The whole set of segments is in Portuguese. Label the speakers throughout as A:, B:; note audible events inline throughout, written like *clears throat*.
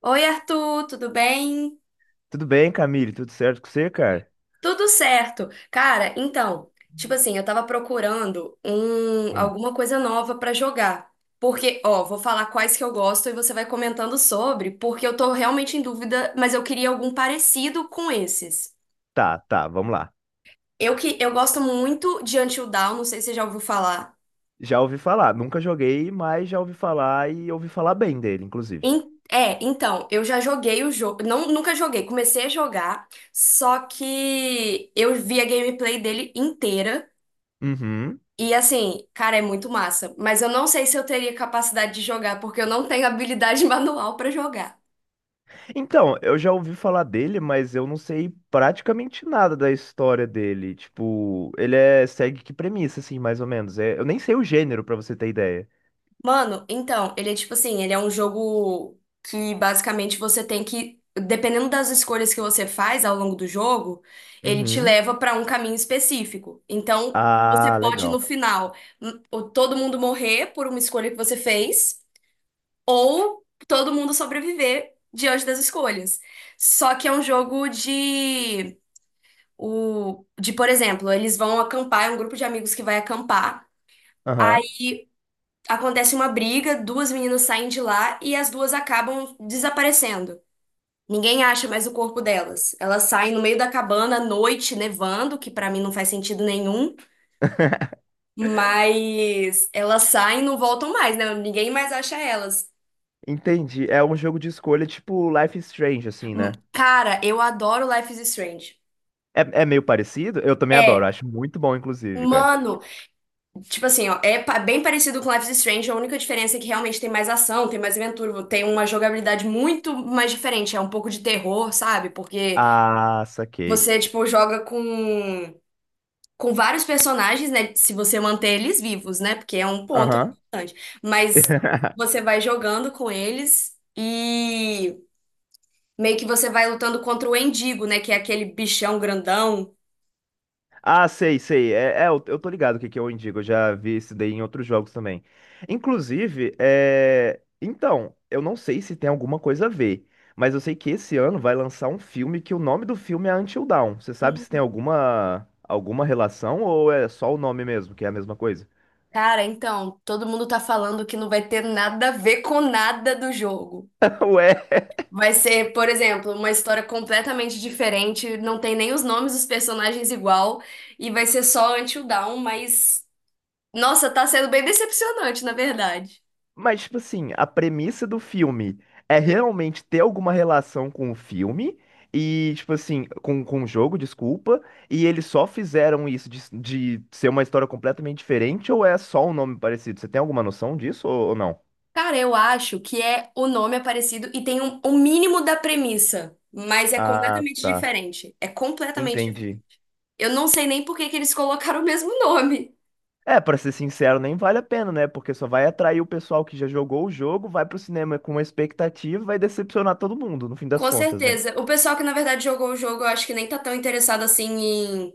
A: Oi, Arthur, tudo bem?
B: Tudo bem, Camille? Tudo certo com você, cara?
A: Tudo certo. Cara, então, tipo assim, eu tava procurando
B: Hum.
A: alguma coisa nova pra jogar. Porque, ó, vou falar quais que eu gosto e você vai comentando sobre, porque eu tô realmente em dúvida, mas eu queria algum parecido com esses.
B: Tá, tá, vamos lá.
A: Eu que eu gosto muito de Until Dawn, não sei se você já ouviu falar.
B: Já ouvi falar, nunca joguei, mas já ouvi falar e ouvi falar bem dele, inclusive.
A: Então, eu já joguei o jogo, não, nunca joguei, comecei a jogar, só que eu vi a gameplay dele inteira.
B: Uhum.
A: E assim, cara, é muito massa. Mas eu não sei se eu teria capacidade de jogar, porque eu não tenho habilidade *laughs* manual pra jogar.
B: Então, eu já ouvi falar dele, mas eu não sei praticamente nada da história dele. Tipo, ele é segue que premissa, assim, mais ou menos. É, eu nem sei o gênero, pra você ter ideia.
A: Mano, então, ele é tipo assim, ele é um jogo que basicamente você tem que, dependendo das escolhas que você faz ao longo do jogo, ele te
B: Uhum.
A: leva pra um caminho específico. Então, você
B: Ah,
A: pode no
B: legal.
A: final, ou todo mundo morrer por uma escolha que você fez, ou todo mundo sobreviver diante das escolhas. Só que é um jogo de o de, por exemplo, eles vão acampar, é um grupo de amigos que vai acampar.
B: Aham.
A: Aí acontece uma briga, duas meninas saem de lá e as duas acabam desaparecendo. Ninguém acha mais o corpo delas. Elas saem no meio da cabana à noite, nevando, que pra mim não faz sentido nenhum, mas elas saem e não voltam mais, né? Ninguém mais acha elas.
B: Entendi. É um jogo de escolha tipo Life is Strange, assim, né?
A: Cara, eu adoro Life is Strange.
B: É, é meio parecido? Eu também adoro,
A: É,
B: acho muito bom, inclusive, cara.
A: mano, tipo assim, ó, bem parecido com Life is Strange, é a única diferença é que realmente tem mais ação, tem mais aventura, tem uma jogabilidade muito mais diferente, é um pouco de terror, sabe? Porque
B: Ah, saquei.
A: você, tipo, joga com vários personagens, né? Se você manter eles vivos, né? Porque é um ponto
B: Aham.
A: importante. Mas
B: *laughs*
A: você vai jogando com eles e meio que você vai lutando contra o Endigo, né? Que é aquele bichão grandão.
B: Ah, sei, sei. É, é, eu tô ligado o que que é o Indigo. Eu já vi isso daí em outros jogos também. Inclusive, então, eu não sei se tem alguma coisa a ver, mas eu sei que esse ano vai lançar um filme que o nome do filme é Until Dawn. Você sabe se tem alguma alguma relação ou é só o nome mesmo, que é a mesma coisa?
A: Cara, então, todo mundo tá falando que não vai ter nada a ver com nada do jogo.
B: *laughs* Ué.
A: Vai ser, por exemplo, uma história completamente diferente, não tem nem os nomes dos personagens igual, e vai ser só Until Dawn, mas nossa, tá sendo bem decepcionante, na verdade.
B: Mas, tipo assim, a premissa do filme é realmente ter alguma relação com o filme e, tipo assim, com o jogo, desculpa, e eles só fizeram isso de ser uma história completamente diferente ou é só um nome parecido? Você tem alguma noção disso ou não?
A: Cara, eu acho que é o nome é parecido e tem um mínimo da premissa, mas é
B: Ah,
A: completamente
B: tá.
A: diferente. É completamente diferente.
B: Entendi.
A: Eu não sei nem por que que eles colocaram o mesmo nome.
B: É, pra ser sincero, nem vale a pena, né? Porque só vai atrair o pessoal que já jogou o jogo, vai pro cinema com uma expectativa e vai decepcionar todo mundo, no fim das
A: Com
B: contas, né?
A: certeza. O pessoal que na verdade jogou o jogo, eu acho que nem tá tão interessado assim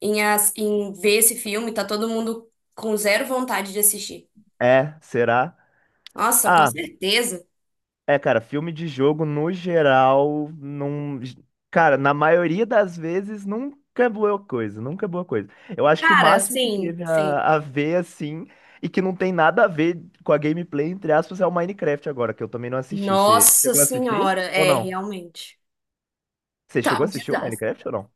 A: em, em ver esse filme, tá todo mundo com zero vontade de assistir.
B: É, será?
A: Nossa, com
B: Ah,
A: certeza.
B: é, cara, filme de jogo no geral, não. Cara, na maioria das vezes nunca é boa coisa, nunca é boa coisa. Eu acho que o
A: Cara,
B: máximo que
A: sim,
B: teve
A: sim.
B: a ver, assim, e que não tem nada a ver com a gameplay, entre aspas, é o Minecraft agora, que eu também não assisti. Você
A: Nossa
B: chegou a assistir
A: Senhora,
B: ou
A: é,
B: não?
A: realmente.
B: Você
A: Tá
B: chegou a
A: um
B: assistir o
A: desastre.
B: Minecraft ou não?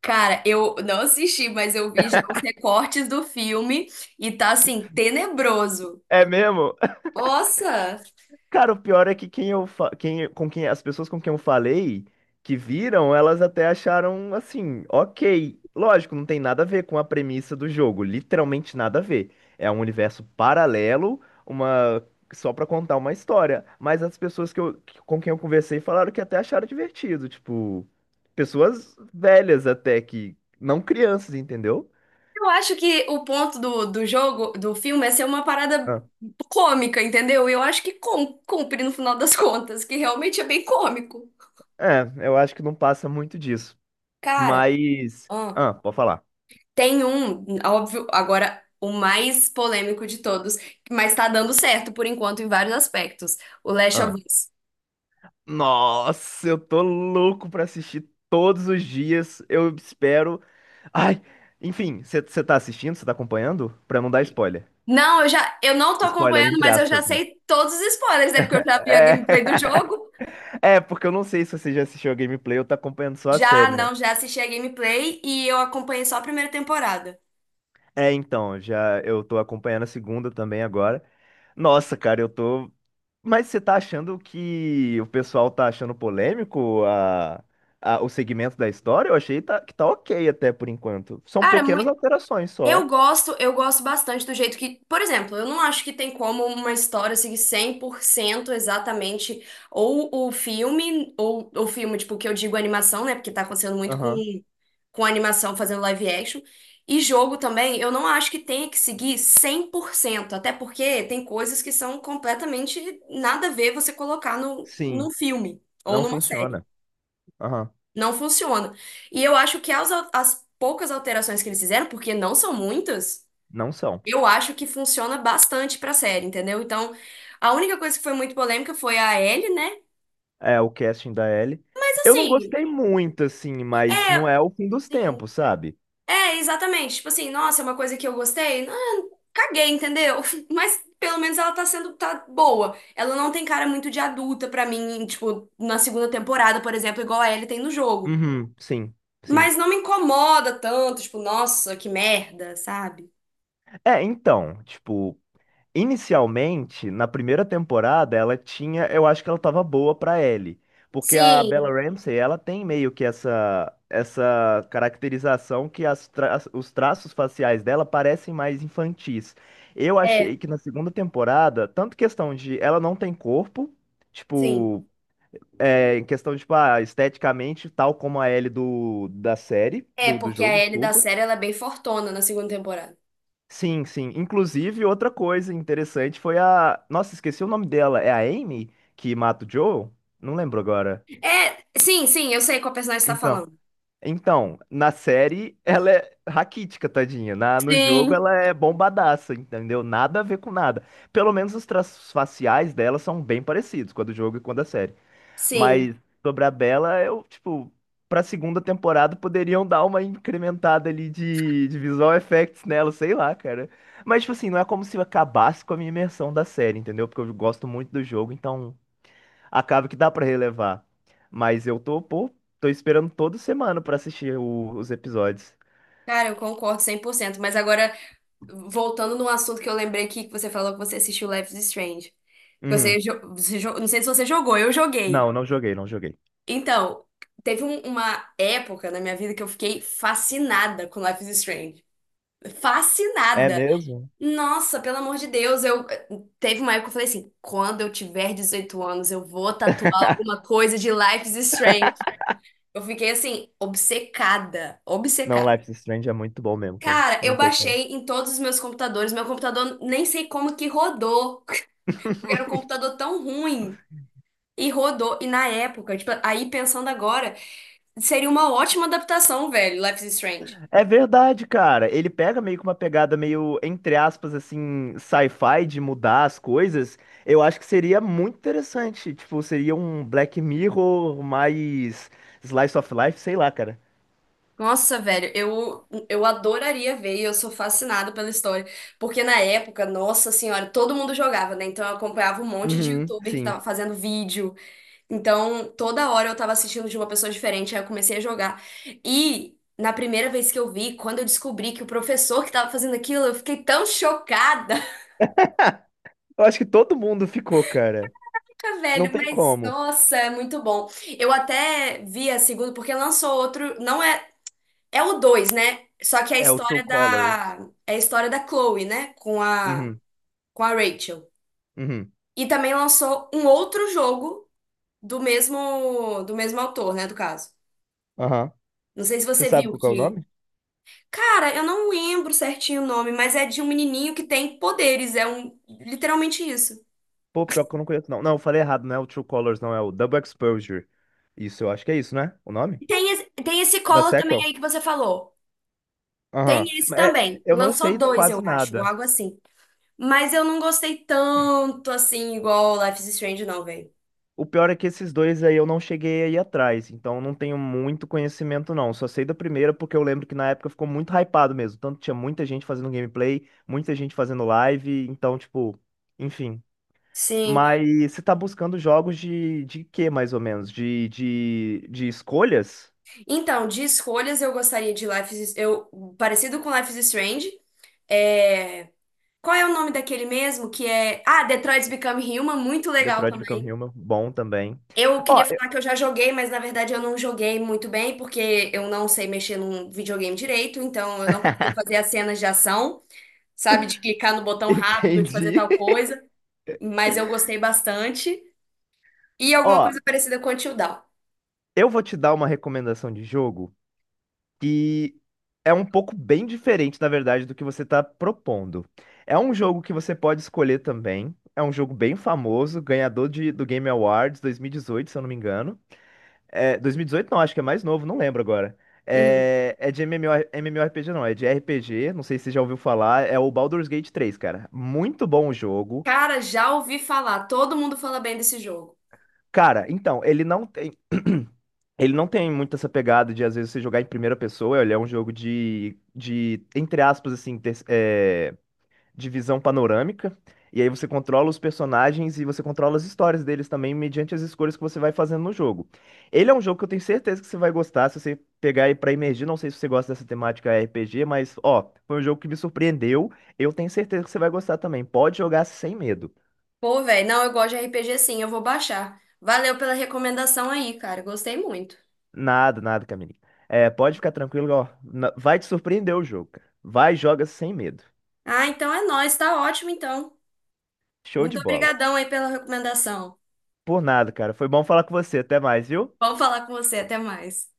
A: Cara, eu não assisti, mas eu vi já os recortes do filme e tá assim, tenebroso.
B: É mesmo?
A: Nossa!
B: Cara, o pior é que quem, com quem as pessoas com quem eu falei que viram, elas até acharam assim, ok. Lógico, não tem nada a ver com a premissa do jogo, literalmente nada a ver. É um universo paralelo, uma só pra contar uma história. Mas as pessoas com quem eu conversei falaram que até acharam divertido, tipo, pessoas velhas até que não crianças, entendeu?
A: Eu acho que o ponto do, do jogo, do filme, é ser uma parada
B: Ah.
A: cômica, entendeu? E eu acho que cumpre no final das contas, que realmente é bem cômico.
B: É, eu acho que não passa muito disso.
A: Cara,
B: Mas, ah, pode falar.
A: tem um, óbvio, agora o mais polêmico de todos, mas tá dando certo por enquanto em vários aspectos. O Last of Us.
B: Nossa, eu tô louco pra assistir todos os dias. Eu espero. Ai, enfim, você tá assistindo? Você tá acompanhando? Pra não dar spoiler.
A: Não, eu não tô
B: Spoiler
A: acompanhando,
B: entre
A: mas eu já
B: aspas, né?
A: sei todos os spoilers, é porque
B: É.
A: eu já vi a gameplay do
B: *laughs*
A: jogo.
B: É, porque eu não sei se você já assistiu a gameplay ou tá acompanhando só a
A: Já,
B: série, né?
A: não, já assisti a gameplay e eu acompanhei só a primeira temporada.
B: É, então, já eu tô acompanhando a segunda também agora. Nossa, cara, eu tô. Mas você tá achando que o pessoal tá achando polêmico o segmento da história? Eu achei que tá ok até por enquanto. São
A: Cara, mu-
B: pequenas alterações só.
A: Eu gosto bastante do jeito que, por exemplo, eu não acho que tem como uma história seguir 100% exatamente ou o filme, tipo, que eu digo animação, né? Porque tá acontecendo muito
B: Aham.
A: com animação fazendo live action. E jogo também, eu não acho que tenha que seguir 100% até porque tem coisas que são completamente nada a ver você colocar no, num
B: Sim,
A: filme ou
B: não
A: numa série.
B: funciona. Aham.
A: Não funciona. E eu acho que as poucas alterações que eles fizeram, porque não são muitas.
B: Não são.
A: Eu acho que funciona bastante pra série, entendeu? Então, a única coisa que foi muito polêmica foi a Ellie, né?
B: É o casting da Ellie.
A: Mas
B: Eu não
A: assim,
B: gostei muito, assim, mas não
A: é,
B: é o fim dos
A: sim,
B: tempos, sabe?
A: é exatamente. Tipo assim, nossa, é uma coisa que eu gostei. Ah, caguei, entendeu? *laughs* Mas pelo menos ela tá sendo tá boa. Ela não tem cara muito de adulta pra mim, tipo, na segunda temporada, por exemplo, igual a Ellie tem no jogo.
B: Uhum, sim, sim.
A: Mas não me incomoda tanto, tipo, nossa, que merda, sabe?
B: É, então, tipo, inicialmente, na primeira temporada, ela tinha, eu acho que ela tava boa pra Ellie, porque a Bella
A: Sim,
B: Ramsey, ela tem meio que essa essa caracterização que os traços faciais dela parecem mais infantis. Eu achei
A: é,
B: que na segunda temporada, tanto questão de ela não tem corpo,
A: sim.
B: tipo, é, em questão de, tipo, ah, esteticamente, tal como a Ellie da série,
A: É,
B: do
A: porque a
B: jogo,
A: Ellie da
B: desculpa.
A: série ela é bem fortona na segunda temporada.
B: Sim, sim. Inclusive, outra coisa interessante foi a. Nossa, esqueci o nome dela. É a Amy que mata o Joe? Não lembro agora.
A: É, sim, sim, eu sei qual personagem você tá
B: Então,
A: falando.
B: então, na série ela é raquítica, tadinha. No jogo
A: Sim.
B: ela é bombadaça, entendeu? Nada a ver com nada. Pelo menos os traços faciais dela são bem parecidos, com a do jogo e com a da série.
A: Sim,
B: Mas sobre a Bella, eu, tipo, pra segunda temporada poderiam dar uma incrementada ali de visual effects nela, sei lá, cara. Mas, tipo assim, não é como se acabasse com a minha imersão da série, entendeu? Porque eu gosto muito do jogo, então acaba que dá pra relevar. Mas eu tô, pô, tô esperando toda semana pra assistir os episódios.
A: cara, eu concordo 100%. Mas agora, voltando num assunto que eu lembrei aqui, que você falou que você assistiu Life is Strange.
B: Uhum.
A: Não sei se você jogou, eu joguei.
B: Não, não joguei, não joguei.
A: Então, uma época na minha vida que eu fiquei fascinada com Life is Strange.
B: É
A: Fascinada!
B: mesmo?
A: Nossa, pelo amor de Deus, eu teve uma época que eu falei assim, quando eu tiver 18 anos, eu vou tatuar alguma coisa de Life is Strange. Eu fiquei assim, obcecada,
B: Não,
A: obcecada.
B: Life is Strange é muito bom mesmo, cara.
A: Cara,
B: Não
A: eu
B: tem como.
A: baixei em todos os meus computadores. Meu computador nem sei como que rodou. *laughs* Porque era um
B: *laughs*
A: computador tão ruim. E rodou. E na época, tipo, aí pensando agora, seria uma ótima adaptação, velho, Life is Strange.
B: É verdade, cara. Ele pega meio que uma pegada meio, entre aspas, assim, sci-fi de mudar as coisas. Eu acho que seria muito interessante. Tipo, seria um Black Mirror mais slice of life, sei lá, cara.
A: Nossa, velho, eu adoraria ver e eu sou fascinada pela história. Porque na época, nossa senhora, todo mundo jogava, né? Então eu acompanhava um monte de
B: Uhum,
A: youtuber que
B: sim.
A: tava fazendo vídeo. Então, toda hora eu tava assistindo de uma pessoa diferente, aí eu comecei a jogar. E na primeira vez que eu vi, quando eu descobri que o professor que tava fazendo aquilo, eu fiquei tão chocada. *laughs*
B: Eu acho que todo mundo ficou, cara.
A: Ah,
B: Não
A: velho,
B: tem
A: mas
B: como.
A: nossa, é muito bom. Eu até vi a segunda, porque lançou outro, não é, é o dois né? Só que é a
B: É o True
A: história
B: Colors.
A: da, é a história da Chloe, né?
B: Uhum,
A: Com a Rachel.
B: uhum,
A: E também lançou um outro jogo do mesmo autor, né? Do caso.
B: aham.
A: Não sei se
B: Você
A: você
B: sabe
A: viu
B: qual que é o
A: que
B: nome?
A: cara, eu não lembro certinho o nome, mas é de um menininho que tem poderes, é um literalmente isso.
B: Pô, pior que eu não conheço, não. Não, eu falei errado, não é o True Colors, não. É o Double Exposure. Isso, eu acho que é isso, né? O
A: E
B: nome?
A: tem esse, tem esse
B: Da
A: Collor também
B: sequel?
A: aí que você falou. Tem
B: Aham.
A: esse
B: Mas é-
A: também.
B: eu não
A: Lançou
B: sei
A: dois, eu
B: quase
A: acho, ou
B: nada.
A: algo assim. Mas eu não gostei tanto assim, igual Life is Strange, não, velho.
B: O pior é que esses dois aí eu não cheguei aí atrás, então eu não tenho muito conhecimento não. Só sei da primeira porque eu lembro que na época ficou muito hypado mesmo. Tanto tinha muita gente fazendo gameplay, muita gente fazendo live, então tipo, enfim.
A: Sim.
B: Mas você tá buscando jogos de quê mais ou menos? De escolhas?
A: Então, de escolhas eu gostaria de eu parecido com Life is Strange. É... Qual é o nome daquele mesmo que é? Ah, Detroit's Become Human, muito legal
B: Detroit Become
A: também.
B: Human, bom também.
A: Eu queria
B: Ó,
A: falar que eu já joguei, mas na verdade eu não joguei muito bem, porque eu não sei mexer num videogame direito, então eu não consigo fazer as cenas de ação, sabe? De clicar no
B: *laughs*
A: botão rápido, de fazer
B: entendi.
A: tal coisa, mas eu gostei bastante. E alguma
B: Ó,
A: coisa parecida com Until Dawn.
B: eu vou te dar uma recomendação de jogo e é um pouco bem diferente, na verdade, do que você está propondo. É um jogo que você pode escolher também. É um jogo bem famoso, ganhador de, do Game Awards 2018, se eu não me engano. É, 2018 não, acho que é mais novo, não lembro agora.
A: Uhum.
B: É, é de MMOR, MMORPG não, é de RPG, não sei se você já ouviu falar, é o Baldur's Gate 3, cara. Muito bom o jogo.
A: Cara, já ouvi falar, todo mundo fala bem desse jogo.
B: Cara, então, ele não tem. *clears throat* Ele não tem muito essa pegada de, às vezes, você jogar em primeira pessoa. Ele é um jogo de entre aspas, assim, de visão panorâmica. E aí você controla os personagens e você controla as histórias deles também, mediante as escolhas que você vai fazendo no jogo. Ele é um jogo que eu tenho certeza que você vai gostar, se você pegar e pra imergir. Não sei se você gosta dessa temática RPG, mas, ó, foi um jogo que me surpreendeu. Eu tenho certeza que você vai gostar também. Pode jogar sem medo.
A: Pô, velho, não, eu gosto de RPG sim, eu vou baixar. Valeu pela recomendação aí, cara, gostei muito.
B: Nada, nada, Camininho. É, pode ficar tranquilo, ó. Na- vai te surpreender o jogo, cara. Vai, joga sem medo.
A: Ah, então é nóis, tá ótimo então.
B: Show de
A: Muito
B: bola.
A: obrigadão aí pela recomendação.
B: Por nada, cara. Foi bom falar com você. Até mais, viu?
A: Vamos falar com você, até mais.